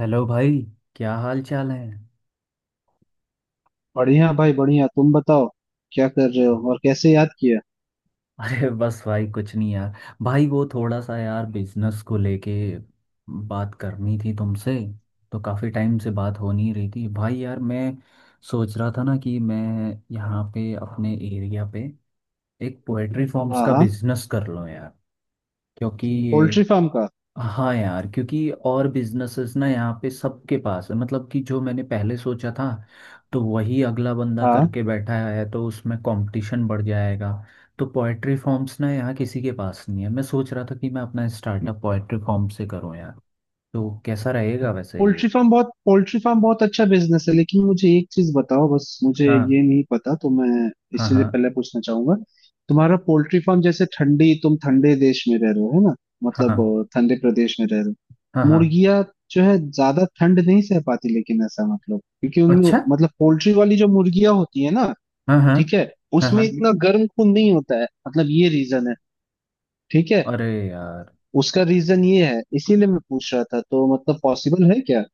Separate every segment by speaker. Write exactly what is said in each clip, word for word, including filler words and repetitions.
Speaker 1: Hello भाई। क्या हाल चाल है?
Speaker 2: बढ़िया भाई बढ़िया। तुम बताओ क्या कर रहे हो और कैसे याद किया।
Speaker 1: अरे बस भाई कुछ नहीं यार। भाई वो थोड़ा सा यार बिजनेस को लेके बात करनी थी तुमसे। तो काफ़ी टाइम से बात हो नहीं रही थी भाई यार। मैं सोच रहा था ना कि मैं यहाँ पे अपने एरिया पे एक पोएट्री फॉर्म्स
Speaker 2: हाँ
Speaker 1: का
Speaker 2: हाँ।
Speaker 1: बिजनेस कर लूँ यार, क्योंकि ये
Speaker 2: पोल्ट्री फार्म का?
Speaker 1: हाँ। यार क्योंकि और बिजनेसेस ना यहाँ पे सबके पास है, मतलब कि जो मैंने पहले सोचा था तो वही अगला बंदा
Speaker 2: हाँ।
Speaker 1: करके बैठा है, तो उसमें कंपटीशन बढ़ जाएगा। तो पोएट्री फॉर्म्स ना यहाँ किसी के पास नहीं है। मैं सोच रहा था कि मैं अपना स्टार्टअप पोएट्री फॉर्म से करूँ यार। तो कैसा रहेगा वैसे
Speaker 2: पोल्ट्री
Speaker 1: ये?
Speaker 2: फार्म बहुत पोल्ट्री फार्म बहुत अच्छा बिजनेस है, लेकिन मुझे एक चीज बताओ, बस मुझे
Speaker 1: हाँ
Speaker 2: ये नहीं पता तो मैं
Speaker 1: हाँ
Speaker 2: इसीलिए
Speaker 1: हाँ
Speaker 2: पहले पूछना चाहूंगा। तुम्हारा पोल्ट्री फार्म, जैसे ठंडी तुम ठंडे देश में रह रहे हो है ना,
Speaker 1: हाँ
Speaker 2: मतलब अ, ठंडे प्रदेश में रह रहे हो।
Speaker 1: हाँ हाँ।
Speaker 2: मुर्गियां जो है ज्यादा ठंड नहीं सह पाती, लेकिन ऐसा मतलब क्योंकि उनमें
Speaker 1: अच्छा।
Speaker 2: मतलब पोल्ट्री वाली जो मुर्गियां होती है ना।
Speaker 1: हाँ हाँ
Speaker 2: ठीक है।
Speaker 1: हाँ
Speaker 2: उसमें
Speaker 1: हाँ।
Speaker 2: इतना गर्म खून नहीं होता है, मतलब ये रीजन है। ठीक है।
Speaker 1: अरे यार।
Speaker 2: उसका रीजन ये है, इसीलिए मैं पूछ रहा था, तो मतलब पॉसिबल है क्या,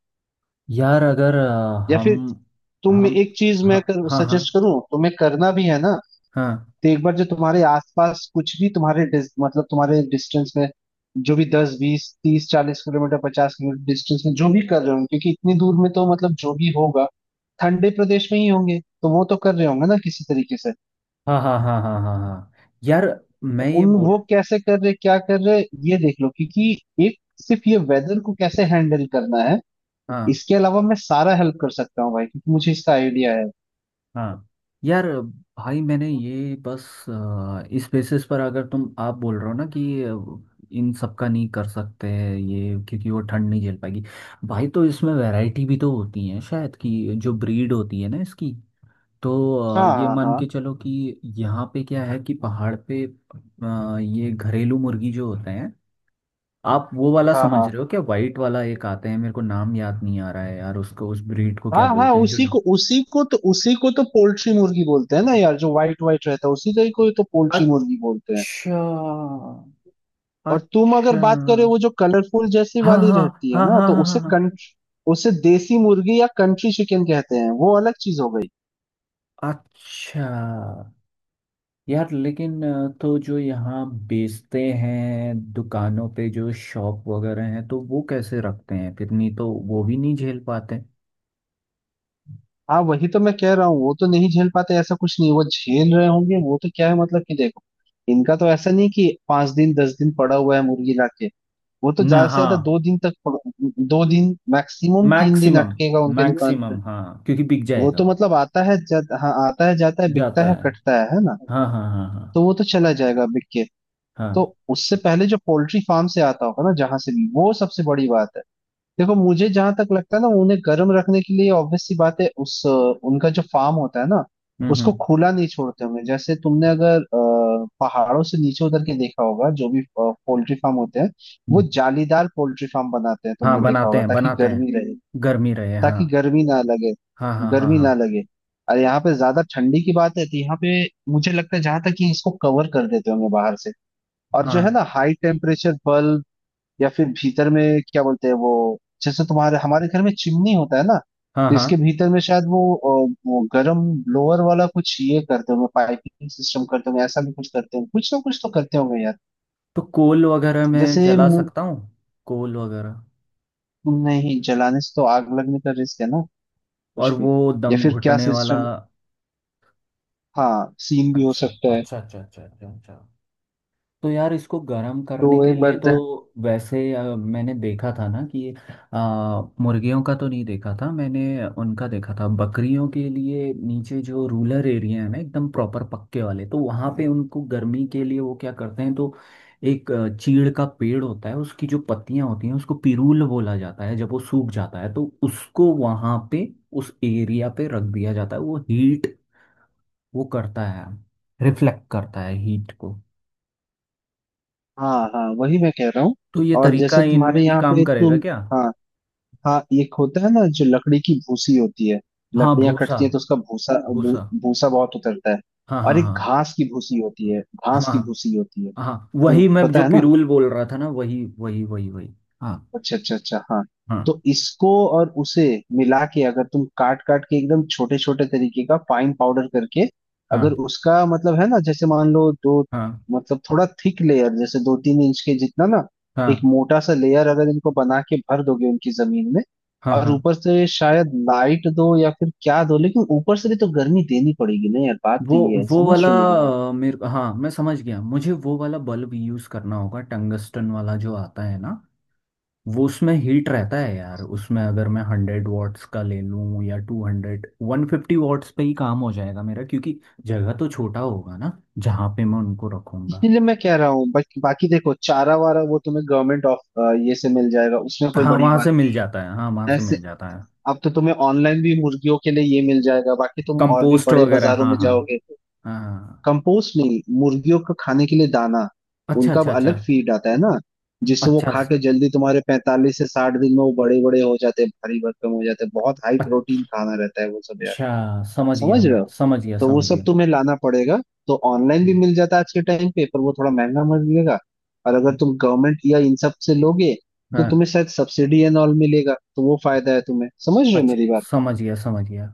Speaker 1: यार अगर अ,
Speaker 2: या फिर
Speaker 1: हम
Speaker 2: तुम
Speaker 1: हम
Speaker 2: एक चीज मैं
Speaker 1: हाँ
Speaker 2: कर,
Speaker 1: हाँ
Speaker 2: सजेस्ट
Speaker 1: हाँ
Speaker 2: करूं, तुम्हें करना भी है ना।
Speaker 1: हाँ
Speaker 2: तो एक बार जो तुम्हारे आसपास कुछ भी तुम्हारे डिस- मतलब तुम्हारे डिस्टेंस में, जो भी दस बीस तीस चालीस किलोमीटर पचास किलोमीटर डिस्टेंस में जो भी कर रहे होंगे, क्योंकि इतनी दूर में तो मतलब जो भी होगा ठंडे प्रदेश में ही होंगे, तो वो तो कर रहे होंगे ना किसी तरीके से।
Speaker 1: हाँ हाँ हाँ हाँ हाँ हाँ। यार
Speaker 2: तो
Speaker 1: मैं ये
Speaker 2: उन, वो
Speaker 1: बोल।
Speaker 2: कैसे कर रहे, क्या कर रहे, ये देख लो। क्योंकि एक, सिर्फ ये वेदर को कैसे हैंडल करना है,
Speaker 1: हाँ
Speaker 2: इसके अलावा मैं सारा हेल्प कर सकता हूँ भाई, क्योंकि मुझे इसका आइडिया है।
Speaker 1: हाँ। यार भाई मैंने ये बस अ, इस बेसिस पर, अगर तुम आप बोल रहे हो ना कि अ, इन सब का नहीं कर सकते हैं ये क्योंकि वो ठंड नहीं झेल पाएगी। भाई तो इसमें वैरायटी भी तो होती है शायद, कि जो ब्रीड होती है ना इसकी। तो
Speaker 2: हाँ
Speaker 1: अ, ये मान
Speaker 2: हाँ
Speaker 1: के चलो कि यहाँ पे क्या है कि पहाड़ पे अ, ये घरेलू मुर्गी जो होते हैं, आप वो वाला
Speaker 2: हाँ
Speaker 1: समझ
Speaker 2: हाँ
Speaker 1: रहे हो क्या? वाइट वाला एक आते हैं, मेरे को नाम याद नहीं आ रहा है यार, उसको उस ब्रीड को क्या
Speaker 2: हाँ हाँ हाँ।
Speaker 1: बोलते हैं जो।
Speaker 2: उसी को उसी को तो उसी को तो पोल्ट्री मुर्गी बोलते हैं ना यार, जो व्हाइट व्हाइट रहता है, उसी का ही को तो पोल्ट्री मुर्गी बोलते हैं।
Speaker 1: अच्छा।
Speaker 2: और तुम अगर
Speaker 1: अच्छा।
Speaker 2: बात करे वो जो कलरफुल जैसी
Speaker 1: हाँ
Speaker 2: वाली
Speaker 1: हाँ
Speaker 2: रहती है
Speaker 1: हाँ
Speaker 2: ना,
Speaker 1: हाँ
Speaker 2: तो
Speaker 1: हाँ हाँ
Speaker 2: उसे
Speaker 1: हाँ।
Speaker 2: कंट्री, उसे देसी मुर्गी या कंट्री चिकन कहते हैं, वो अलग चीज हो गई।
Speaker 1: अच्छा। यार लेकिन अ, तो जो यहाँ बेचते हैं दुकानों पे, जो शॉप वगैरह हैं, तो वो कैसे रखते हैं फिर? नहीं तो वो भी नहीं झेल पाते।
Speaker 2: हाँ वही तो मैं कह रहा हूँ, वो तो नहीं झेल पाते ऐसा कुछ नहीं, वो झेल रहे होंगे। वो तो क्या है, मतलब कि देखो, इनका तो ऐसा नहीं कि पांच दिन दस दिन पड़ा हुआ है मुर्गी लाके। वो तो
Speaker 1: ना
Speaker 2: ज्यादा से
Speaker 1: हाँ।
Speaker 2: ज्यादा दो दिन तक पक- दो दिन मैक्सिमम तीन दिन
Speaker 1: मैक्सिमम।
Speaker 2: अटकेगा उनके दुकान पे।
Speaker 1: मैक्सिमम हाँ, क्योंकि बिक
Speaker 2: वो
Speaker 1: जाएगा
Speaker 2: तो
Speaker 1: वो।
Speaker 2: मतलब आता है जा- हाँ आता है जाता है बिकता
Speaker 1: जाता
Speaker 2: है
Speaker 1: है।
Speaker 2: कटता है है ना,
Speaker 1: हाँ हाँ हाँ हाँ
Speaker 2: तो वो तो चला जाएगा बिक के। तो
Speaker 1: हाँ।
Speaker 2: उससे पहले जो पोल्ट्री फार्म से आता होगा ना, जहां से भी, वो सबसे बड़ी बात है। देखो मुझे जहां तक लगता है ना, उन्हें गर्म रखने के लिए ऑब्वियस सी बात है। उस अ, उनका जो फार्म होता है ना,
Speaker 1: हम्म,
Speaker 2: उसको
Speaker 1: हम्म,
Speaker 2: खुला नहीं छोड़ते होंगे। जैसे तुमने अगर अ, पहाड़ों से नीचे उतर के देखा होगा जो भी पोल्ट्री फार्म होते हैं, वो
Speaker 1: हम्म।
Speaker 2: जालीदार पोल्ट्री फार्म बनाते हैं,
Speaker 1: हाँ
Speaker 2: तुमने देखा
Speaker 1: बनाते
Speaker 2: होगा,
Speaker 1: हैं,
Speaker 2: ताकि
Speaker 1: बनाते हैं।
Speaker 2: गर्मी रहे,
Speaker 1: गर्मी रहे, हाँ।
Speaker 2: ताकि गर्मी ना लगे।
Speaker 1: हाँ हाँ हाँ
Speaker 2: गर्मी ना
Speaker 1: हाँ
Speaker 2: लगे। और यहाँ पे ज्यादा ठंडी की बात है, तो यहाँ पे मुझे लगता है जहां तक कि इसको कवर कर देते होंगे बाहर से, और जो है
Speaker 1: हाँ।
Speaker 2: ना हाई टेम्परेचर बल्ब, या फिर भीतर में क्या बोलते हैं वो, जैसे तुम्हारे हमारे घर में चिमनी होता है ना,
Speaker 1: हाँ
Speaker 2: तो
Speaker 1: हाँ।
Speaker 2: इसके भीतर में शायद वो अ, वो गर्म ब्लोअर वाला कुछ ये करते होंगे, पाइपिंग सिस्टम करते होंगे, ऐसा भी कुछ करते होंगे, कुछ ना कुछ तो करते होंगे यार।
Speaker 1: तो कोल वगैरह में
Speaker 2: जैसे
Speaker 1: जला
Speaker 2: मु-
Speaker 1: सकता हूँ? कोल वगैरह।
Speaker 2: नहीं, जलाने से तो आग लगने का रिस्क है ना,
Speaker 1: और
Speaker 2: कुछ भी।
Speaker 1: वो
Speaker 2: या
Speaker 1: दम
Speaker 2: फिर क्या
Speaker 1: घुटने वाला।
Speaker 2: सिस्टम, हाँ सीन भी हो
Speaker 1: अच्छा
Speaker 2: सकता है।
Speaker 1: अच्छा अच्छा अच्छा अच्छा अच्छा। तो यार इसको गर्म
Speaker 2: तो
Speaker 1: करने के
Speaker 2: एक
Speaker 1: लिए
Speaker 2: बार,
Speaker 1: तो वैसे अ, मैंने देखा था ना कि अ, मुर्गियों का तो नहीं देखा था मैंने, उनका देखा था बकरियों के लिए नीचे जो रूरल एरिया है ना एकदम प्रॉपर पक्के वाले, तो वहाँ पे उनको गर्मी के लिए वो क्या करते हैं तो एक अ, चीड़ का पेड़ होता है, उसकी जो पत्तियां होती हैं उसको पिरूल बोला जाता है, जब वो सूख जाता है तो उसको वहाँ पे उस एरिया पे रख दिया जाता है, वो हीट वो करता है, रिफ्लेक्ट करता है हीट को।
Speaker 2: हाँ हाँ वही मैं कह रहा हूँ।
Speaker 1: तो ये
Speaker 2: और
Speaker 1: तरीका
Speaker 2: जैसे तुम्हारे
Speaker 1: इनमें भी
Speaker 2: यहाँ
Speaker 1: काम
Speaker 2: पे
Speaker 1: करेगा
Speaker 2: तुम,
Speaker 1: क्या?
Speaker 2: हाँ हाँ, एक होता है ना जो लकड़ी की भूसी होती है,
Speaker 1: हाँ
Speaker 2: लकड़ियां
Speaker 1: भूसा,
Speaker 2: कटती हैं तो उसका भूसा, भू-
Speaker 1: भूसा।
Speaker 2: भूसा बहुत उतरता है।
Speaker 1: हाँ
Speaker 2: और एक
Speaker 1: हाँ
Speaker 2: घास की भूसी होती है,
Speaker 1: हाँ
Speaker 2: घास की भूसी
Speaker 1: हाँ।
Speaker 2: होती है,
Speaker 1: हाँ
Speaker 2: तो
Speaker 1: वही मैं जो
Speaker 2: पता है ना।
Speaker 1: पिरूल बोल रहा था ना, वही वही वही वही। हाँ
Speaker 2: अच्छा अच्छा अच्छा, हाँ।
Speaker 1: हाँ
Speaker 2: तो इसको और उसे मिला के अगर तुम काट काट के एकदम छोटे छोटे तरीके का फाइन पाउडर करके, अगर
Speaker 1: हाँ
Speaker 2: उसका मतलब है ना, जैसे मान लो दो,
Speaker 1: हाँ
Speaker 2: मतलब थोड़ा थिक लेयर जैसे दो तीन इंच के जितना ना, एक
Speaker 1: हाँ
Speaker 2: मोटा सा लेयर अगर इनको बना के भर दोगे उनकी जमीन में,
Speaker 1: हाँ
Speaker 2: और
Speaker 1: हाँ।
Speaker 2: ऊपर से शायद लाइट दो या फिर क्या दो, लेकिन ऊपर से भी तो गर्मी देनी पड़ेगी ना यार, बात
Speaker 1: वो
Speaker 2: तो ये है,
Speaker 1: वो
Speaker 2: समझ
Speaker 1: वाला
Speaker 2: रहे हो मेरी बात।
Speaker 1: अ, मेरे, हाँ मैं समझ गया, मुझे वो वाला बल्ब यूज करना होगा, टंगस्टन वाला जो आता है ना, वो उसमें हीट रहता है यार। उसमें अगर मैं हंड्रेड वॉट्स का ले लूँ, या two hundred, one fifty watts पे ही काम हो जाएगा मेरा, क्योंकि जगह तो छोटा होगा ना जहाँ पे मैं उनको रखूँगा।
Speaker 2: इसीलिए मैं कह रहा हूँ। बाकी बाकी देखो, चारा वारा वो तुम्हें गवर्नमेंट ऑफ ये से मिल जाएगा, उसमें कोई
Speaker 1: हाँ
Speaker 2: बड़ी
Speaker 1: वहाँ
Speaker 2: बात।
Speaker 1: से मिल जाता है, हाँ वहाँ से
Speaker 2: That's
Speaker 1: मिल
Speaker 2: it.
Speaker 1: जाता है।
Speaker 2: अब तो तुम्हें ऑनलाइन भी मुर्गियों के लिए ये मिल जाएगा, बाकी तुम और भी
Speaker 1: कंपोस्ट
Speaker 2: बड़े
Speaker 1: वगैरह,
Speaker 2: बाजारों में
Speaker 1: हाँ हाँ।
Speaker 2: जाओगे।
Speaker 1: हाँ।
Speaker 2: कंपोस्ट नहीं, मुर्गियों का खाने के लिए दाना।
Speaker 1: अच्छा
Speaker 2: उनका अब
Speaker 1: अच्छा अच्छा।
Speaker 2: अलग फीड आता है ना, जिससे वो
Speaker 1: अच्छा
Speaker 2: खा के जल्दी तुम्हारे पैंतालीस से साठ दिन में वो बड़े बड़े हो जाते हैं, भारी भरकम हो जाते हैं, बहुत हाई प्रोटीन खाना रहता है वो सब यार।
Speaker 1: अच्छा। समझ गया,
Speaker 2: समझ रहे
Speaker 1: मैं
Speaker 2: हो।
Speaker 1: समझ गया,
Speaker 2: तो वो
Speaker 1: समझ
Speaker 2: सब
Speaker 1: गया।
Speaker 2: तुम्हें लाना पड़ेगा। तो ऑनलाइन भी
Speaker 1: हम्म,
Speaker 2: मिल जाता है आज के टाइम पे, पर वो थोड़ा महंगा मिलेगा। और अगर तुम गवर्नमेंट या इन सब से लोगे, तो
Speaker 1: हाँ।
Speaker 2: तुम्हें शायद सब्सिडी एंड ऑल मिलेगा, तो वो फायदा है तुम्हें, समझ रहे हो
Speaker 1: अच्छा।
Speaker 2: मेरी बात।
Speaker 1: समझ गया, समझ गया।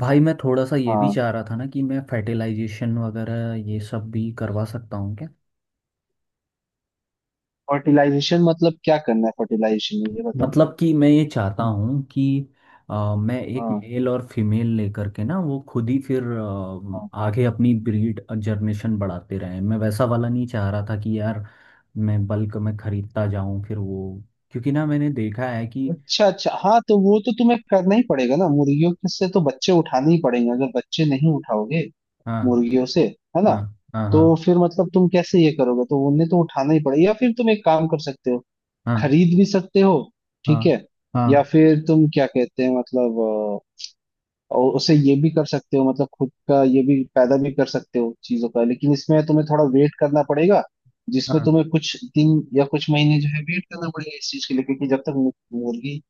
Speaker 1: भाई मैं थोड़ा सा ये भी
Speaker 2: हाँ।
Speaker 1: चाह रहा था ना कि मैं फर्टिलाइजेशन वगैरह ये सब भी करवा सकता हूँ।
Speaker 2: फर्टिलाइजेशन मतलब क्या करना है फर्टिलाइजेशन में, ये बताओ।
Speaker 1: मतलब कि मैं ये चाहता हूँ कि अ, मैं एक
Speaker 2: हाँ
Speaker 1: मेल और फीमेल लेकर के ना वो खुद ही फिर
Speaker 2: हाँ।
Speaker 1: अ, आगे अपनी ब्रीड जनरेशन बढ़ाते रहें। मैं वैसा वाला नहीं चाह रहा था कि यार मैं बल्क में खरीदता जाऊं फिर वो, क्योंकि ना मैंने देखा है कि
Speaker 2: अच्छा अच्छा, हाँ, तो वो तो तुम्हें करना ही पड़ेगा ना, मुर्गियों के से तो बच्चे उठाने ही पड़ेंगे, अगर बच्चे नहीं उठाओगे
Speaker 1: हाँ
Speaker 2: मुर्गियों से, है ना,
Speaker 1: हाँ हाँ
Speaker 2: तो
Speaker 1: हाँ
Speaker 2: फिर मतलब तुम कैसे ये करोगे, तो उन्हें तो उठाना ही पड़ेगा, या फिर तुम एक काम कर सकते हो,
Speaker 1: हाँ
Speaker 2: खरीद भी सकते हो।
Speaker 1: हाँ
Speaker 2: ठीक है। या
Speaker 1: हाँ
Speaker 2: फिर तुम क्या कहते हैं मतलब, और उसे ये भी कर सकते हो, मतलब खुद का ये भी पैदा भी कर सकते हो चीजों का, लेकिन इसमें तुम्हें थोड़ा वेट करना पड़ेगा, जिसमें
Speaker 1: हाँ
Speaker 2: तुम्हें कुछ दिन या कुछ महीने जो है वेट करना पड़ेगा इस चीज के लिए। क्योंकि जब तक मु- मुर्गी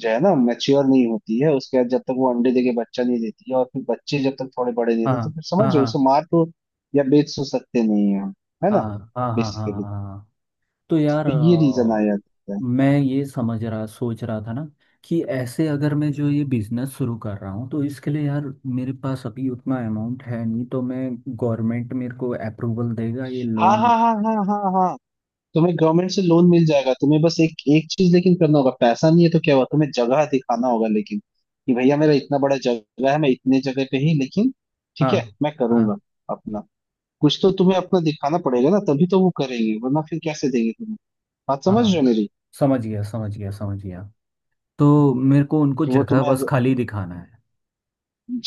Speaker 2: जो है ना मैच्योर नहीं होती है, उसके बाद जब तक वो अंडे देके बच्चा नहीं देती है, और फिर बच्चे जब तक थोड़े बड़े नहीं
Speaker 1: हाँ
Speaker 2: होते, तो
Speaker 1: हाँ
Speaker 2: फिर समझ
Speaker 1: हाँ
Speaker 2: जाओ उसे
Speaker 1: हाँ
Speaker 2: मार तो या बेच तो सकते नहीं है हम, है
Speaker 1: हाँ
Speaker 2: ना,
Speaker 1: हाँ हाँ हाँ
Speaker 2: बेसिकली।
Speaker 1: हाँ। तो यार
Speaker 2: तो ये रीजन आ
Speaker 1: अ,
Speaker 2: जाता है।
Speaker 1: मैं ये समझ रहा सोच रहा था ना कि ऐसे अगर मैं जो ये बिजनेस शुरू कर रहा हूँ तो इसके लिए यार मेरे पास अभी उतना अमाउंट है नहीं, तो मैं गवर्नमेंट, मेरे को अप्रूवल देगा ये
Speaker 2: हाँ
Speaker 1: लोन?
Speaker 2: हाँ हाँ हाँ हाँ हाँ तुम्हें गवर्नमेंट से लोन मिल जाएगा तुम्हें बस एक एक चीज लेकिन करना होगा पैसा नहीं है तो क्या हुआ तुम्हें जगह दिखाना होगा लेकिन कि भैया मेरा इतना बड़ा जगह है मैं इतने जगह पे ही लेकिन ठीक है
Speaker 1: हाँ
Speaker 2: मैं
Speaker 1: हाँ
Speaker 2: करूंगा अपना कुछ तो तुम्हें अपना दिखाना पड़ेगा ना तभी तो वो करेंगे वरना फिर कैसे देंगे तुम्हें बात समझ रहे हो
Speaker 1: हाँ।
Speaker 2: मेरी
Speaker 1: समझ गया, समझ गया, समझ गया। तो मेरे को उनको
Speaker 2: कि वो
Speaker 1: जगह
Speaker 2: तुम्हें
Speaker 1: बस खाली दिखाना है।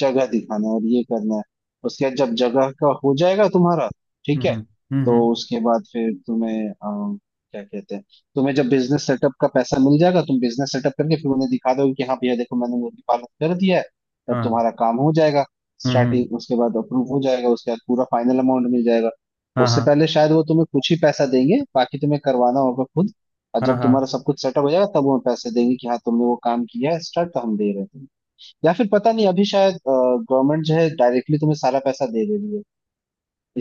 Speaker 2: जगह दिखाना है और ये करना है उसके बाद जब जगह का हो जाएगा तुम्हारा
Speaker 1: हम्म
Speaker 2: ठीक है
Speaker 1: हम्म हम्म,
Speaker 2: तो
Speaker 1: हम्म।
Speaker 2: उसके बाद फिर तुम्हें अ, क्या कहते हैं तुम्हें जब बिजनेस सेटअप का पैसा मिल जाएगा तुम बिजनेस सेटअप करके फिर उन्हें दिखा दोगे कि हाँ भैया देखो मैंने मुर्गी पालन कर दिया है तब
Speaker 1: हाँ।
Speaker 2: तुम्हारा काम हो जाएगा
Speaker 1: हम्म हम्म।
Speaker 2: स्टार्टिंग उसके बाद अप्रूव हो जाएगा उसके बाद पूरा फाइनल अमाउंट मिल जाएगा
Speaker 1: हाँ
Speaker 2: उससे
Speaker 1: हाँ
Speaker 2: पहले शायद वो तुम्हें कुछ ही पैसा देंगे बाकी तुम्हें करवाना होगा खुद और
Speaker 1: हाँ
Speaker 2: जब
Speaker 1: हाँ।
Speaker 2: तुम्हारा सब कुछ सेटअप हो जाएगा तब वो पैसे देंगे कि हाँ तुमने वो काम किया है स्टार्ट तो हम दे रहे हैं या फिर पता नहीं अभी शायद गवर्नमेंट जो है डायरेक्टली तुम्हें सारा पैसा दे दे रही है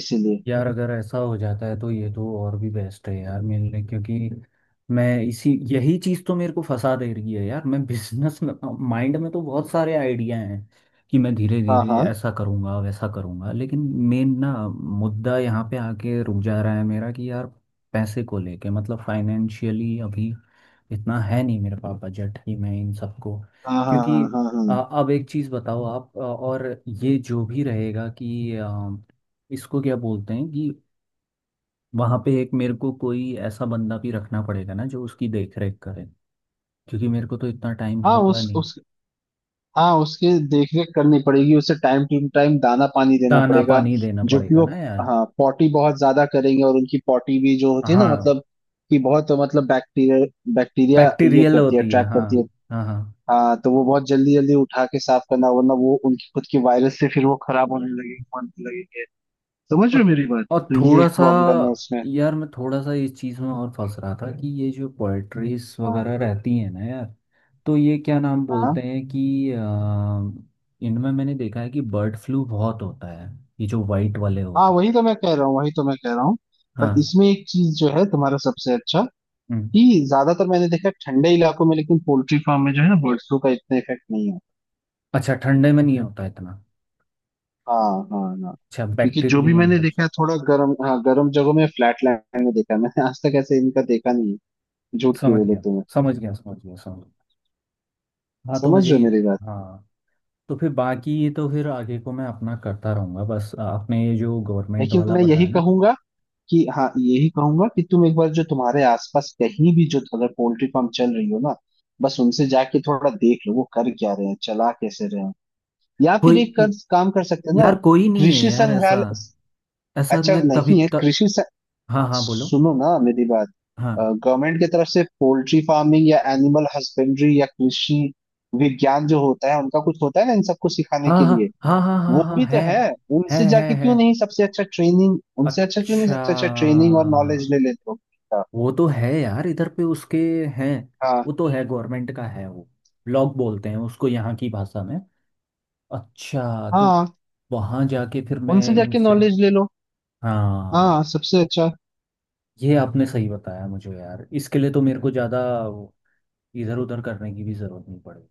Speaker 2: इसीलिए
Speaker 1: यार अगर ऐसा हो जाता है तो ये तो और भी बेस्ट है यार मेरे लिए, क्योंकि मैं इसी यही चीज़ तो मेरे को फंसा दे रही है यार, मैं बिजनेस में माइंड में तो बहुत सारे आइडिया हैं कि मैं धीरे
Speaker 2: हाँ
Speaker 1: धीरे
Speaker 2: हाँ
Speaker 1: ऐसा करूँगा वैसा करूँगा, लेकिन मेन ना मुद्दा यहाँ पे आके रुक जा रहा है मेरा कि यार पैसे को लेके, मतलब फाइनेंशियली अभी इतना है नहीं मेरे पास बजट कि मैं इन सबको,
Speaker 2: हाँ हाँ
Speaker 1: क्योंकि
Speaker 2: हाँ हाँ हाँ
Speaker 1: अ, अब एक चीज़ बताओ आप, अ, और ये जो भी रहेगा कि इसको क्या बोलते हैं कि वहां पे एक मेरे को कोई ऐसा बंदा भी रखना पड़ेगा ना जो उसकी देख रेख करे, क्योंकि मेरे को तो इतना टाइम
Speaker 2: हाँ।
Speaker 1: होगा
Speaker 2: उस
Speaker 1: नहीं।
Speaker 2: उस हाँ, उसके देख रेख करनी पड़ेगी, उसे टाइम टू टाइम दाना पानी देना
Speaker 1: दाना
Speaker 2: पड़ेगा।
Speaker 1: पानी देना
Speaker 2: जो कि
Speaker 1: पड़ेगा
Speaker 2: वो,
Speaker 1: ना यार।
Speaker 2: हाँ पॉटी बहुत ज्यादा करेंगे, और उनकी पॉटी भी जो होती है ना,
Speaker 1: हाँ
Speaker 2: मतलब कि बहुत, मतलब बैक्टीरिया, बैक्टीरिया ये
Speaker 1: बैक्टीरियल
Speaker 2: करती है,
Speaker 1: होती है,
Speaker 2: अट्रैक्ट
Speaker 1: हाँ
Speaker 2: करती है।
Speaker 1: हाँ हाँ।
Speaker 2: हाँ, तो वो बहुत जल्दी जल्दी उठा के साफ करना, वरना वो उनकी खुद की वायरस से फिर वो खराब होने लगेगी, होने लगेंगे, समझ रहे हो
Speaker 1: और
Speaker 2: मेरी बात,
Speaker 1: और
Speaker 2: तो ये
Speaker 1: थोड़ा
Speaker 2: एक
Speaker 1: सा
Speaker 2: प्रॉब्लम है उसमें।
Speaker 1: यार, मैं थोड़ा सा इस चीज में और फंस रहा था कि ये जो पोएट्रीज
Speaker 2: हाँ
Speaker 1: वगैरह रहती है ना यार, तो ये क्या नाम
Speaker 2: हाँ
Speaker 1: बोलते हैं कि अ, इनमें मैंने देखा है कि बर्ड फ्लू बहुत होता है, ये जो वाइट वाले
Speaker 2: हाँ,
Speaker 1: होते हैं।
Speaker 2: वही तो मैं कह रहा हूँ, वही तो मैं कह रहा हूँ। पर
Speaker 1: हाँ।
Speaker 2: इसमें एक चीज जो है तुम्हारा सबसे अच्छा,
Speaker 1: हम्म।
Speaker 2: कि ज्यादातर मैंने देखा है ठंडे इलाकों में, लेकिन पोल्ट्री फार्म में जो है ना बर्ड फ्लू का इतना इफेक्ट नहीं है।
Speaker 1: अच्छा ठंडे में नहीं होता इतना?
Speaker 2: हाँ हाँ हाँ।
Speaker 1: अच्छा,
Speaker 2: क्योंकि जो भी
Speaker 1: बैक्टीरियल
Speaker 2: मैंने
Speaker 1: इन्फेक्शन।
Speaker 2: देखा है थोड़ा गर्म, हाँ गर्म जगहों में, फ्लैट लैंड में देखा है मैंने, आज तक ऐसे इनका देखा नहीं है, झूठ क्यों
Speaker 1: समझ
Speaker 2: बोलो
Speaker 1: गया,
Speaker 2: तुम्हें।
Speaker 1: समझ गया, समझ गया, समझ गया। हाँ तो
Speaker 2: समझ
Speaker 1: मुझे
Speaker 2: रहे हो
Speaker 1: ये
Speaker 2: मेरी बात।
Speaker 1: हाँ, तो फिर बाकी ये तो फिर आगे को मैं अपना करता रहूंगा, बस आपने ये जो गवर्नमेंट
Speaker 2: लेकिन
Speaker 1: वाला
Speaker 2: मैं यही
Speaker 1: बताया ना।
Speaker 2: कहूंगा, कि हाँ, यही कहूंगा कि तुम एक बार जो तुम्हारे आसपास कहीं भी जो अगर पोल्ट्री फार्म चल रही हो ना, बस उनसे जाके थोड़ा देख लो वो कर क्या रहे हैं, चला कैसे रहे हैं। या फिर
Speaker 1: कोई,
Speaker 2: एक कर, काम कर सकते हैं ना,
Speaker 1: यार कोई नहीं है
Speaker 2: कृषि
Speaker 1: यार ऐसा,
Speaker 2: संग्रहालय,
Speaker 1: ऐसा
Speaker 2: अच्छा
Speaker 1: मैं तभी
Speaker 2: नहीं है?
Speaker 1: तक
Speaker 2: कृषि स-
Speaker 1: हाँ हाँ बोलो।
Speaker 2: सुनो ना मेरी बात।
Speaker 1: हाँ
Speaker 2: गवर्नमेंट की तरफ से पोल्ट्री फार्मिंग या एनिमल हस्बेंड्री या कृषि विज्ञान जो होता है, उनका कुछ होता है ना इन सबको सिखाने
Speaker 1: हाँ
Speaker 2: के
Speaker 1: हाँ
Speaker 2: लिए,
Speaker 1: हाँ हाँ हाँ
Speaker 2: वो
Speaker 1: हाँ
Speaker 2: भी तो
Speaker 1: है
Speaker 2: है।
Speaker 1: है
Speaker 2: उनसे
Speaker 1: है
Speaker 2: जाके
Speaker 1: है।
Speaker 2: क्यों नहीं सबसे अच्छा ट्रेनिंग, उनसे अच्छा क्यों नहीं
Speaker 1: अच्छा,
Speaker 2: सबसे अच्छा ट्रेनिंग और नॉलेज ले लेते हो।
Speaker 1: वो तो है यार इधर पे उसके हैं।
Speaker 2: हाँ,
Speaker 1: वो तो है, गवर्नमेंट का है वो, ब्लॉक बोलते हैं उसको यहाँ की भाषा में। अच्छा, तो
Speaker 2: हाँ
Speaker 1: वहाँ जाके फिर मैं
Speaker 2: उनसे जाके
Speaker 1: इनसे।
Speaker 2: नॉलेज ले लो।
Speaker 1: हाँ।
Speaker 2: हाँ सबसे अच्छा।
Speaker 1: ये आपने सही बताया मुझे यार, इसके लिए तो मेरे को ज़्यादा इधर उधर करने की भी ज़रूरत नहीं पड़ेगी।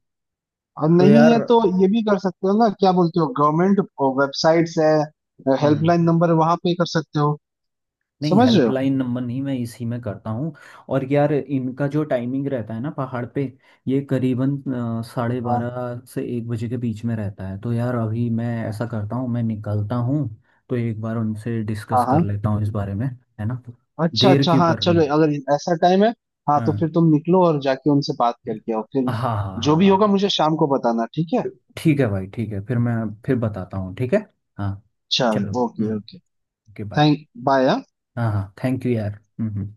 Speaker 2: और
Speaker 1: तो
Speaker 2: नहीं
Speaker 1: यार
Speaker 2: है तो ये भी कर सकते हो ना, क्या बोलते हो, गवर्नमेंट वेबसाइट्स है, हेल्पलाइन
Speaker 1: हम्म,
Speaker 2: नंबर, वहां पे कर सकते हो।
Speaker 1: नहीं
Speaker 2: समझ रहे हो।
Speaker 1: हेल्पलाइन नंबर नहीं, मैं इसी में करता हूँ। और यार इनका जो टाइमिंग रहता है ना पहाड़ पे, ये करीबन अ, साढ़े
Speaker 2: हाँ
Speaker 1: बारह से एक बजे के बीच में रहता है, तो यार अभी मैं ऐसा करता हूँ, मैं निकलता हूँ। तो एक बार उनसे डिस्कस
Speaker 2: हाँ
Speaker 1: कर
Speaker 2: हाँ।
Speaker 1: लेता हूँ इस बारे में, है ना?
Speaker 2: अच्छा
Speaker 1: देर
Speaker 2: अच्छा,
Speaker 1: क्यों
Speaker 2: हाँ
Speaker 1: करनी
Speaker 2: चलो,
Speaker 1: है?
Speaker 2: अगर ऐसा टाइम है, हाँ तो फिर
Speaker 1: हाँ
Speaker 2: तुम निकलो और जाके उनसे बात करके आओ फिर।
Speaker 1: हाँ हाँ
Speaker 2: जो
Speaker 1: हाँ
Speaker 2: भी होगा
Speaker 1: हाँ।
Speaker 2: मुझे शाम को बताना, ठीक है।
Speaker 1: ठीक है भाई, ठीक है, फिर मैं फिर बताता हूँ, ठीक है। हाँ, चलो।
Speaker 2: चलो, okay
Speaker 1: hmm,
Speaker 2: okay.
Speaker 1: Okay bye.
Speaker 2: Thank bye.
Speaker 1: हाँ हाँ, थैंक यू यार। हम्म हम्म।